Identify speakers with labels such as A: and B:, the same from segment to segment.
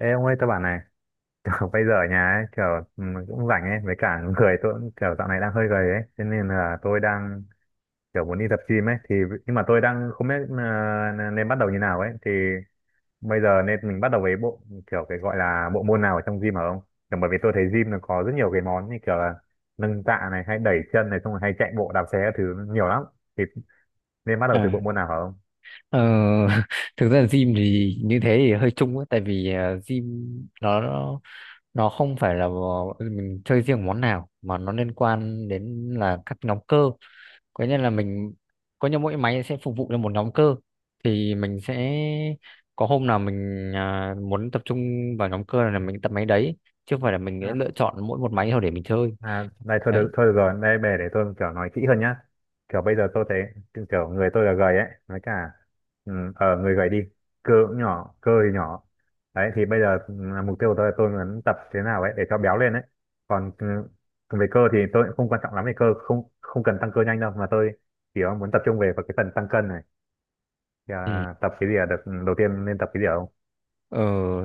A: Ê ông ơi, tôi bảo này, kiểu bây giờ ở nhà ấy, kiểu ừ, cũng rảnh ấy, với cả người tôi cũng kiểu dạo này đang hơi gầy ấy, cho nên là tôi đang kiểu muốn đi tập gym ấy, thì nhưng mà tôi đang không biết nên bắt đầu như nào ấy, thì bây giờ nên mình bắt đầu với bộ kiểu cái gọi là bộ môn nào ở trong gym hả ông? Kiểu bởi vì tôi thấy gym nó có rất nhiều cái món như kiểu là nâng tạ này, hay đẩy chân này, xong rồi hay chạy bộ đạp xe các thứ nhiều lắm, thì nên bắt đầu
B: À,
A: từ bộ môn nào hả ông?
B: ờ, thực ra gym thì như thế thì hơi chung ấy, tại vì gym nó nó nó không phải là à, mình chơi riêng món nào mà nó liên quan đến là các nhóm cơ, có nghĩa là mình có như mỗi máy sẽ phục vụ cho một nhóm cơ, thì mình sẽ có hôm nào mình à, muốn tập trung vào nhóm cơ là mình tập máy đấy, chứ không phải là mình sẽ lựa chọn mỗi một máy thôi để mình chơi.
A: À, này
B: Đấy.
A: thôi được rồi, đây bè để tôi kiểu nói kỹ hơn nhá. Kiểu bây giờ tôi thấy kiểu người tôi là gầy ấy, nói cả ừ, ờ người gầy đi, cơ cũng nhỏ, cơ thì nhỏ. Đấy thì bây giờ ừ, mục tiêu của tôi là tôi muốn tập thế nào ấy để cho béo lên ấy. Còn ừ, về cơ thì tôi cũng không quan trọng lắm về cơ, không không cần tăng cơ nhanh đâu mà tôi chỉ muốn tập trung vào cái phần tăng cân này. Thì,
B: Ừ.
A: à, tập cái gì là được ừ, đầu tiên nên tập cái gì ạ?
B: ờ,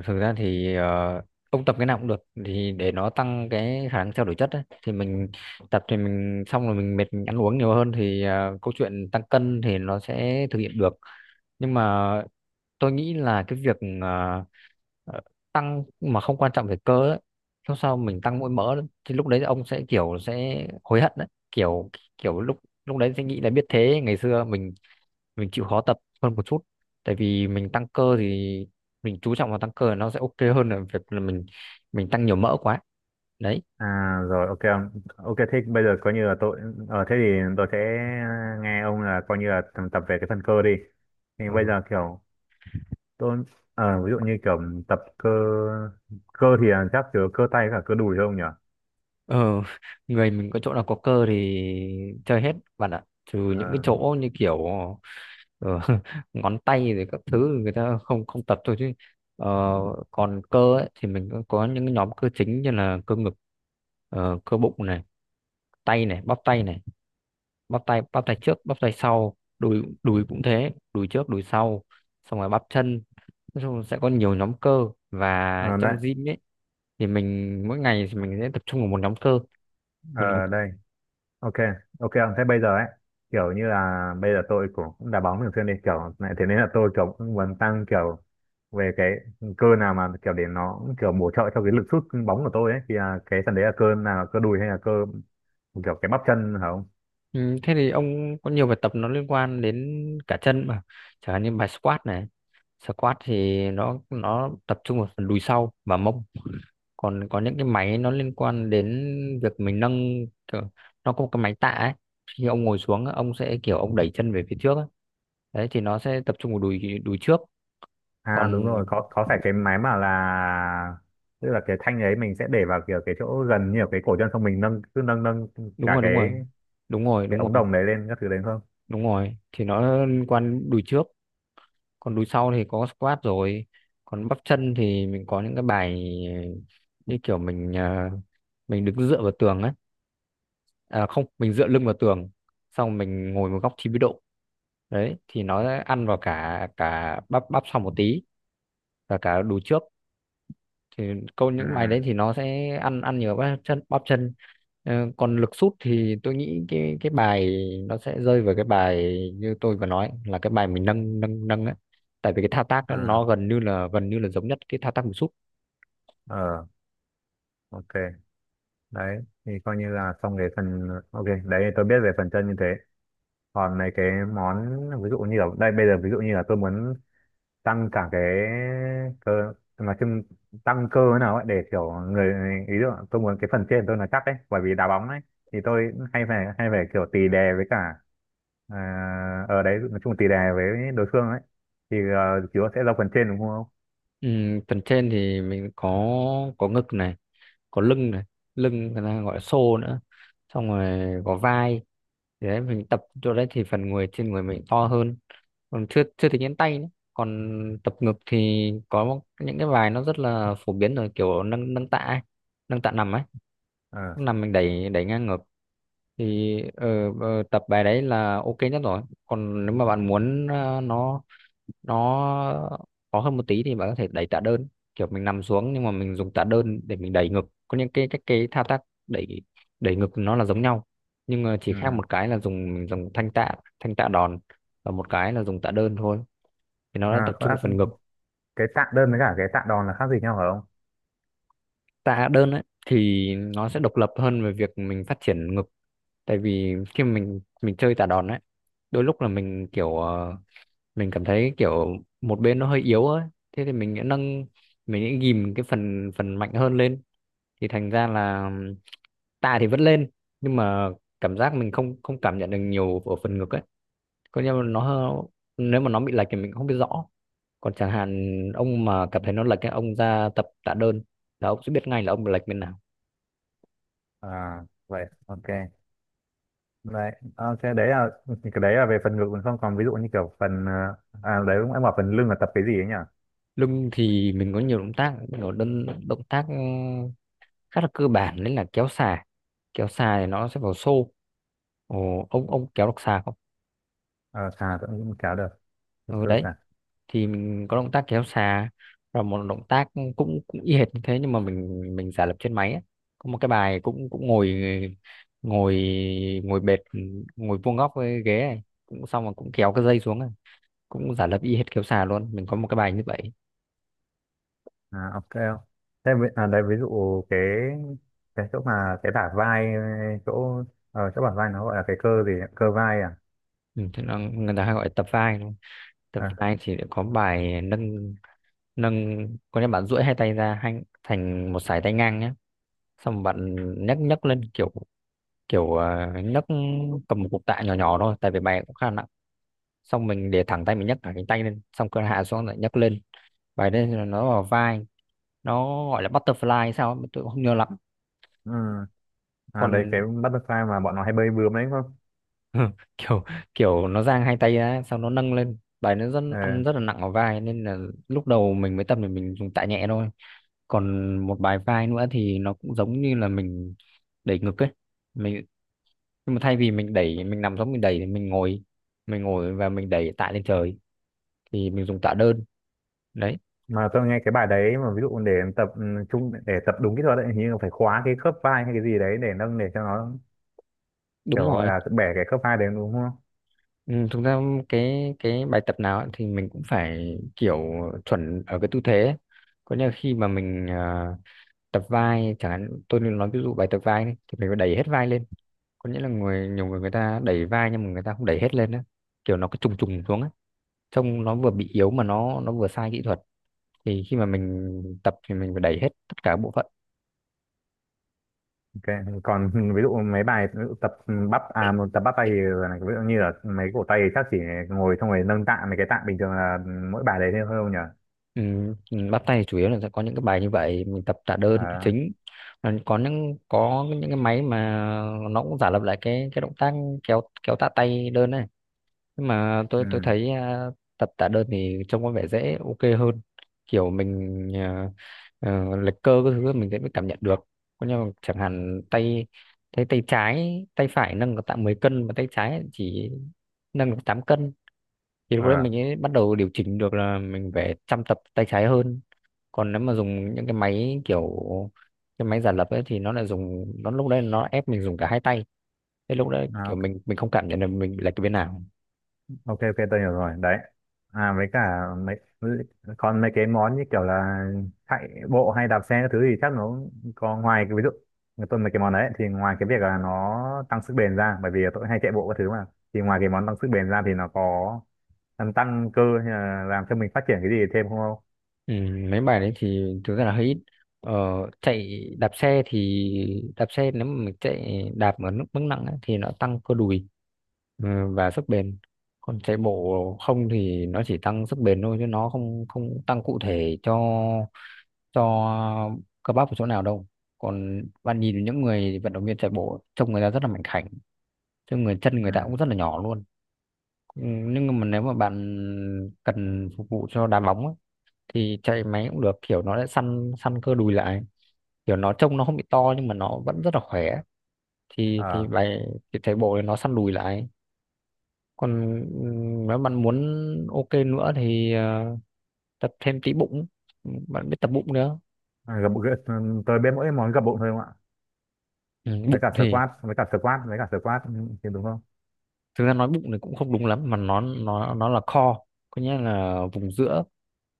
B: Thực ra thì ông tập cái nào cũng được thì để nó tăng cái khả năng trao đổi chất ấy. Thì mình tập thì mình xong rồi mình mệt mình ăn uống nhiều hơn thì à, câu chuyện tăng cân thì nó sẽ thực hiện được, nhưng mà tôi nghĩ là cái việc à, ờ, tăng mà không quan trọng về cơ ấy, lúc sau mình tăng mỗi mỡ thì lúc đấy ông sẽ kiểu sẽ hối hận đấy, kiểu kiểu lúc lúc đấy sẽ nghĩ là biết thế ngày xưa mình chịu khó tập hơn một chút, tại vì mình tăng cơ thì mình chú trọng vào tăng cơ nó sẽ ok hơn là việc là mình tăng nhiều mỡ quá. Đấy.
A: À rồi, ok ông. Ok thế bây giờ coi như là tôi ờ thế thì tôi sẽ nghe ông là coi như là tập về cái phần cơ đi, thì bây
B: Ừ.
A: giờ kiểu tôi ví dụ như kiểu tập cơ, cơ thì là chắc chứa cơ tay với cả cơ đùi không nhỉ.
B: ờ người mình có chỗ nào có cơ thì chơi hết bạn ạ, trừ những cái
A: Ờ,
B: chỗ như kiểu Ờ, ngón tay rồi các thứ người ta không không tập thôi chứ, ờ, còn cơ ấy, thì mình có những cái nhóm cơ chính như là cơ ngực, cơ bụng này, tay này, bắp tay này, bắp tay trước bắp tay sau, đùi đùi cũng thế, đùi trước đùi sau, xong rồi bắp chân. Nói chung là sẽ có nhiều nhóm cơ, và
A: ờ, đấy.
B: trong gym ấy thì mình mỗi ngày thì mình sẽ tập trung vào một nhóm
A: Ờ
B: cơ.
A: đây. Ok, ok ông, thế bây giờ ấy kiểu như là bây giờ tôi cũng cũng đá bóng thường xuyên đi kiểu này, thế nên là tôi kiểu cũng muốn tăng kiểu về cái cơ nào mà kiểu để nó cũng kiểu bổ trợ cho cái lực sút bóng của tôi ấy, thì là cái phần đấy là cơ nào, cơ đùi hay là cơ kiểu cái bắp chân hả không.
B: Ừ, thế thì ông có nhiều bài tập nó liên quan đến cả chân mà, chẳng hạn như bài squat này. Squat thì nó tập trung vào phần đùi sau và mông, còn có những cái máy nó liên quan đến việc mình nâng kiểu, nó có một cái máy tạ ấy, khi ông ngồi xuống á, ông sẽ kiểu ông đẩy chân về phía trước á. Đấy thì nó sẽ tập trung vào đùi đùi trước.
A: À
B: Còn
A: đúng rồi, có phải cái máy mà là tức là cái thanh ấy mình sẽ để vào kiểu cái chỗ gần như là cái cổ chân xong mình nâng, cứ nâng nâng
B: đúng
A: cả
B: rồi, đúng rồi, đúng rồi,
A: cái
B: đúng
A: ống
B: rồi,
A: đồng đấy lên các thứ đấy không.
B: đúng rồi, thì nó liên quan đến đùi trước, còn đùi sau thì có squat rồi, còn bắp chân thì mình có những cái bài như kiểu mình à, mình đứng dựa vào tường ấy, à, không, mình dựa lưng vào tường, xong mình ngồi một góc 90 độ. Đấy thì nó sẽ ăn vào cả cả bắp bắp sau một tí và cả đùi trước, thì câu
A: Ừ.
B: những bài đấy thì nó sẽ ăn ăn nhiều bắp chân Ờ, còn lực sút thì tôi nghĩ cái bài nó sẽ rơi vào cái bài như tôi vừa nói, là cái bài mình nâng nâng nâng ấy, tại vì cái thao tác đó
A: À,
B: nó gần như là giống nhất cái thao tác mình sút.
A: ờ, ok, đấy thì coi như là xong cái phần, ok, đấy tôi biết về phần chân như thế. Còn mấy cái món ví dụ như là đây bây giờ ví dụ như là tôi muốn tăng cả cái cơ nói chung, tăng cơ thế nào ấy để kiểu người, ý tưởng tôi muốn cái phần trên tôi là chắc ấy, bởi vì đá bóng ấy, thì tôi hay phải kiểu tì đè với cả ở đấy nói chung là tì đè với đối phương ấy, thì chúa sẽ ra phần trên đúng không.
B: Phần trên thì mình có ngực này, có lưng này, lưng người ta gọi là xô nữa, xong rồi có vai. Thì đấy mình tập chỗ đấy thì phần người trên người mình to hơn, còn chưa chưa tính đến tay nữa. Còn tập ngực thì có những cái bài nó rất là phổ biến rồi, kiểu nâng nâng tạ ấy, nâng tạ nằm ấy,
A: Ờ.
B: năm mình đẩy đẩy ngang ngược thì tập bài đấy là ok nhất rồi, còn nếu mà bạn muốn nó khó hơn một tí thì bạn có thể đẩy tạ đơn, kiểu mình nằm xuống nhưng mà mình dùng tạ đơn để mình đẩy ngực. Có những cái thao tác đẩy, đẩy ngực nó là giống nhau, nhưng mà chỉ khác
A: Ừ.
B: một cái là mình dùng thanh tạ, thanh tạ đòn, và một cái là dùng tạ đơn thôi, thì nó đã
A: À
B: tập
A: có
B: trung
A: lẽ
B: vào phần ngực.
A: cái tạ đơn với cả cái tạ đòn là khác gì nhau phải không.
B: Tạ đơn ấy thì nó sẽ độc lập hơn về việc mình phát triển ngực, tại vì khi mà mình chơi tạ đòn ấy, đôi lúc là mình kiểu mình cảm thấy kiểu một bên nó hơi yếu ấy, thế thì mình sẽ nâng, mình sẽ ghìm cái phần phần mạnh hơn lên, thì thành ra là tạ thì vẫn lên, nhưng mà cảm giác mình không không cảm nhận được nhiều ở phần ngực ấy, còn coi mà nó, nếu mà nó bị lệch thì mình cũng không biết rõ. Còn chẳng hạn ông mà cảm thấy nó lệch cái ông ra tập tạ đơn, là ông sẽ biết ngay là ông bị lệch bên nào.
A: À vậy ok, vậy ok, đấy là cái đấy là về phần ngực mình, không còn ví dụ như kiểu phần à đấy cũng em bảo phần lưng là tập cái gì ấy nhỉ.
B: Lưng thì mình có nhiều động tác, mình có đơn động tác ừ, khá là cơ bản, đấy là kéo xà. Kéo xà thì nó sẽ vào xô. Ồ, ông kéo được xà không?
A: Ờ xà tôi cũng kéo được. Tập
B: Ừ,
A: cơ
B: đấy
A: xà.
B: thì mình có động tác kéo xà, và một động tác cũng cũng y hệt như thế nhưng mà mình giả lập trên máy ấy. Có một cái bài cũng cũng ngồi, ngồi ngồi bệt, ngồi vuông góc với ghế này, cũng xong rồi cũng kéo cái dây xuống này, cũng giả lập y hệt kéo xà luôn. Mình có một cái bài như vậy.
A: À ok, thế à, đấy ví dụ cái cái chỗ mà cái bả vai chỗ chỗ bả vai nó gọi là cái cơ gì ấy? Cơ vai à.
B: Ừ, thế là người ta hay gọi là tập vai đúng không? Tập
A: À.
B: vai thì lại có bài nâng, nâng có nghĩa bạn duỗi hai tay ra hai, thành một sải tay ngang nhé, xong bạn nhấc nhấc lên kiểu, kiểu nhấc cầm một cục tạ nhỏ nhỏ thôi, tại vì bài cũng khá nặng, xong mình để thẳng tay mình nhấc cả cánh tay lên xong cơ hạ xuống lại nhấc lên, bài đấy là nó vào vai, nó gọi là butterfly hay sao ấy, tôi cũng không nhớ lắm.
A: Ừ. À
B: Còn
A: đấy cái butterfly mà bọn nó hay bơi bướm đấy đúng không.
B: kiểu, kiểu nó dang hai tay ra xong nó nâng lên, bài nó rất ăn,
A: Ờ,
B: rất là nặng vào vai nên là lúc đầu mình mới tập thì mình dùng tạ nhẹ thôi. Còn một bài vai nữa thì nó cũng giống như là mình đẩy ngực ấy, mình, nhưng mà thay vì mình đẩy mình nằm giống mình đẩy thì mình ngồi, mình ngồi và mình đẩy tạ lên trời, thì mình dùng tạ đơn. Đấy.
A: mà tôi nghe cái bài đấy mà ví dụ để tập ừ, trung để tập đúng kỹ thuật ấy hình như là phải khóa cái khớp vai hay cái gì đấy để nâng để cho nó kiểu
B: Đúng
A: gọi
B: rồi.
A: là bẻ cái khớp vai đấy đúng không.
B: Ừ, thực ra cái bài tập nào ấy thì mình cũng phải kiểu chuẩn ở cái tư thế ấy. Có nghĩa là khi mà mình à, tập vai chẳng hạn, tôi nên nói ví dụ bài tập vai đi, thì mình phải đẩy hết vai lên, có nghĩa là nhiều người, người ta đẩy vai nhưng mà người ta không đẩy hết lên á, kiểu nó cứ trùng trùng xuống á, trông nó vừa bị yếu mà nó vừa sai kỹ thuật, thì khi mà mình tập thì mình phải đẩy hết tất cả bộ phận.
A: Ok còn ví dụ mấy bài ví dụ tập bắp một tập bắp tay thì là ví dụ như là mấy cổ tay thì chắc chỉ ngồi xong rồi nâng tạ mấy cái tạ bình thường là mỗi bài đấy thôi không nhỉ.
B: Ừ, bắt tay thì chủ yếu là sẽ có những cái bài như vậy, mình tập tạ đơn là
A: À,
B: chính. Còn có những, có những cái máy mà nó cũng giả lập lại cái động tác kéo, kéo tạ tay đơn này, nhưng mà tôi
A: ừ,
B: thấy tập tạ đơn thì trông có vẻ dễ ok hơn, kiểu mình à, lệch cơ cái thứ mình sẽ mới cảm nhận được. Có, nhưng mà chẳng hạn tay, tay trái tay phải nâng được tạ 10 cân mà tay trái chỉ nâng được 8 cân, thì lúc đấy
A: ờ,
B: mình ấy bắt đầu điều chỉnh được là mình phải chăm tập tay trái hơn. Còn nếu mà dùng những cái máy kiểu cái máy giả lập ấy thì nó lại dùng, nó lúc đấy nó ép mình dùng cả hai tay, thế lúc đấy kiểu
A: à,
B: mình không cảm nhận được mình bị lệch cái bên nào.
A: ok, ok tôi hiểu rồi đấy. À với cả mấy còn mấy cái món như kiểu là chạy bộ hay đạp xe các thứ thì chắc nó cũng có ngoài cái ví dụ người tôi mấy cái món đấy thì ngoài cái việc là nó tăng sức bền ra, bởi vì tôi hay chạy bộ các thứ mà, thì ngoài cái món tăng sức bền ra thì nó có làm tăng cơ hay là làm cho mình phát triển cái gì thêm không không.
B: Ừ, mấy bài đấy thì thực ra là hơi ít. ờ, Chạy, đạp xe thì đạp xe, nếu mà mình chạy đạp ở mức mức nặng ấy, thì nó tăng cơ đùi, ừ, và sức bền. Còn chạy bộ không thì nó chỉ tăng sức bền thôi, chứ nó không không tăng cụ thể cho cơ bắp ở chỗ nào đâu. Còn bạn nhìn những người vận động viên chạy bộ trông người ta rất là mảnh khảnh, chứ người chân người ta
A: Ừ.
B: cũng rất là nhỏ luôn. Ừ, nhưng mà nếu mà bạn cần phục vụ cho đá bóng ấy, thì chạy máy cũng được, kiểu nó sẽ săn săn cơ đùi lại, kiểu nó trông nó không bị to nhưng mà nó vẫn rất là khỏe,
A: Ờ.
B: thì bài thì chạy bộ thì nó săn đùi lại. Còn ừ, nếu bạn muốn ok nữa thì tập thêm tí bụng. Ừ, bạn biết tập bụng nữa.
A: À, gập gập- tôi biết mỗi món gập bụng thôi không ạ.
B: Ừ,
A: Với
B: bụng
A: cả
B: thì,
A: squat, với cả squat, với cả squat, ừ, thì đúng không.
B: thực ra nói bụng thì cũng không đúng lắm mà nó nó là core, có nghĩa là vùng giữa,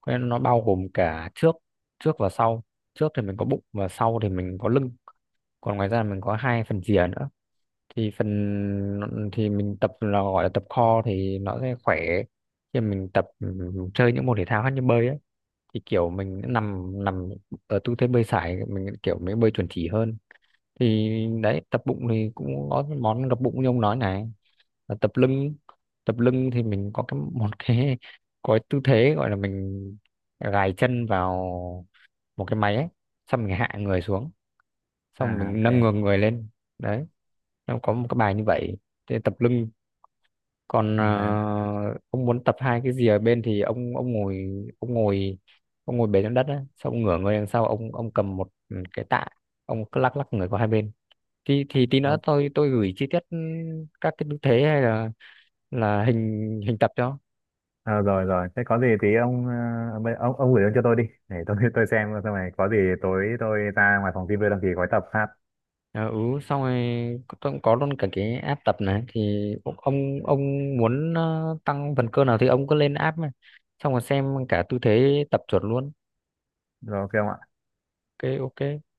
B: có nghĩa là nó bao gồm cả trước, trước và sau, trước thì mình có bụng và sau thì mình có lưng, còn ngoài ra mình có hai phần rìa nữa, thì phần, thì mình tập là gọi là tập core thì nó sẽ khỏe. Khi mà mình tập ừ, chơi những môn thể thao khác như bơi ấy, thì kiểu mình nằm nằm ở tư thế bơi sải mình kiểu mới bơi chuẩn chỉ hơn. Thì đấy, tập bụng thì cũng có cái món gập bụng như ông nói này, là tập lưng. Tập lưng thì mình có cái một cái, có cái tư thế gọi là mình gài chân vào một cái máy ấy, xong mình hạ người xuống, xong
A: À
B: mình
A: ok.
B: nâng ngược người lên. Đấy, nó có một cái bài như vậy để tập lưng. Còn ờ,
A: Nên là-
B: ông muốn tập hai cái gì ở bên thì ông ngồi, ông ngồi ông ngồi bệt trên đất á, xong ông ngửa người đằng sau, ông cầm một cái tạ, ông cứ lắc lắc người qua hai bên. Thì tí nữa tôi gửi chi tiết ừ, các cái tư thế hay là hình, hình tập cho.
A: ờ rồi rồi, thế có gì thì ông ông gửi cho tôi đi để tôi tôi xem xong rồi có gì tối tôi ra ngoài phòng gym tôi đăng ký gói tập hát.
B: Ờ, ừ, xong rồi tôi cũng có luôn cả cái app tập này, thì ông muốn ờ, tăng phần cơ nào thì ông cứ lên app mà xong rồi xem cả tư thế tập chuẩn luôn.
A: Rồi ok ông ạ.
B: Ok, ok.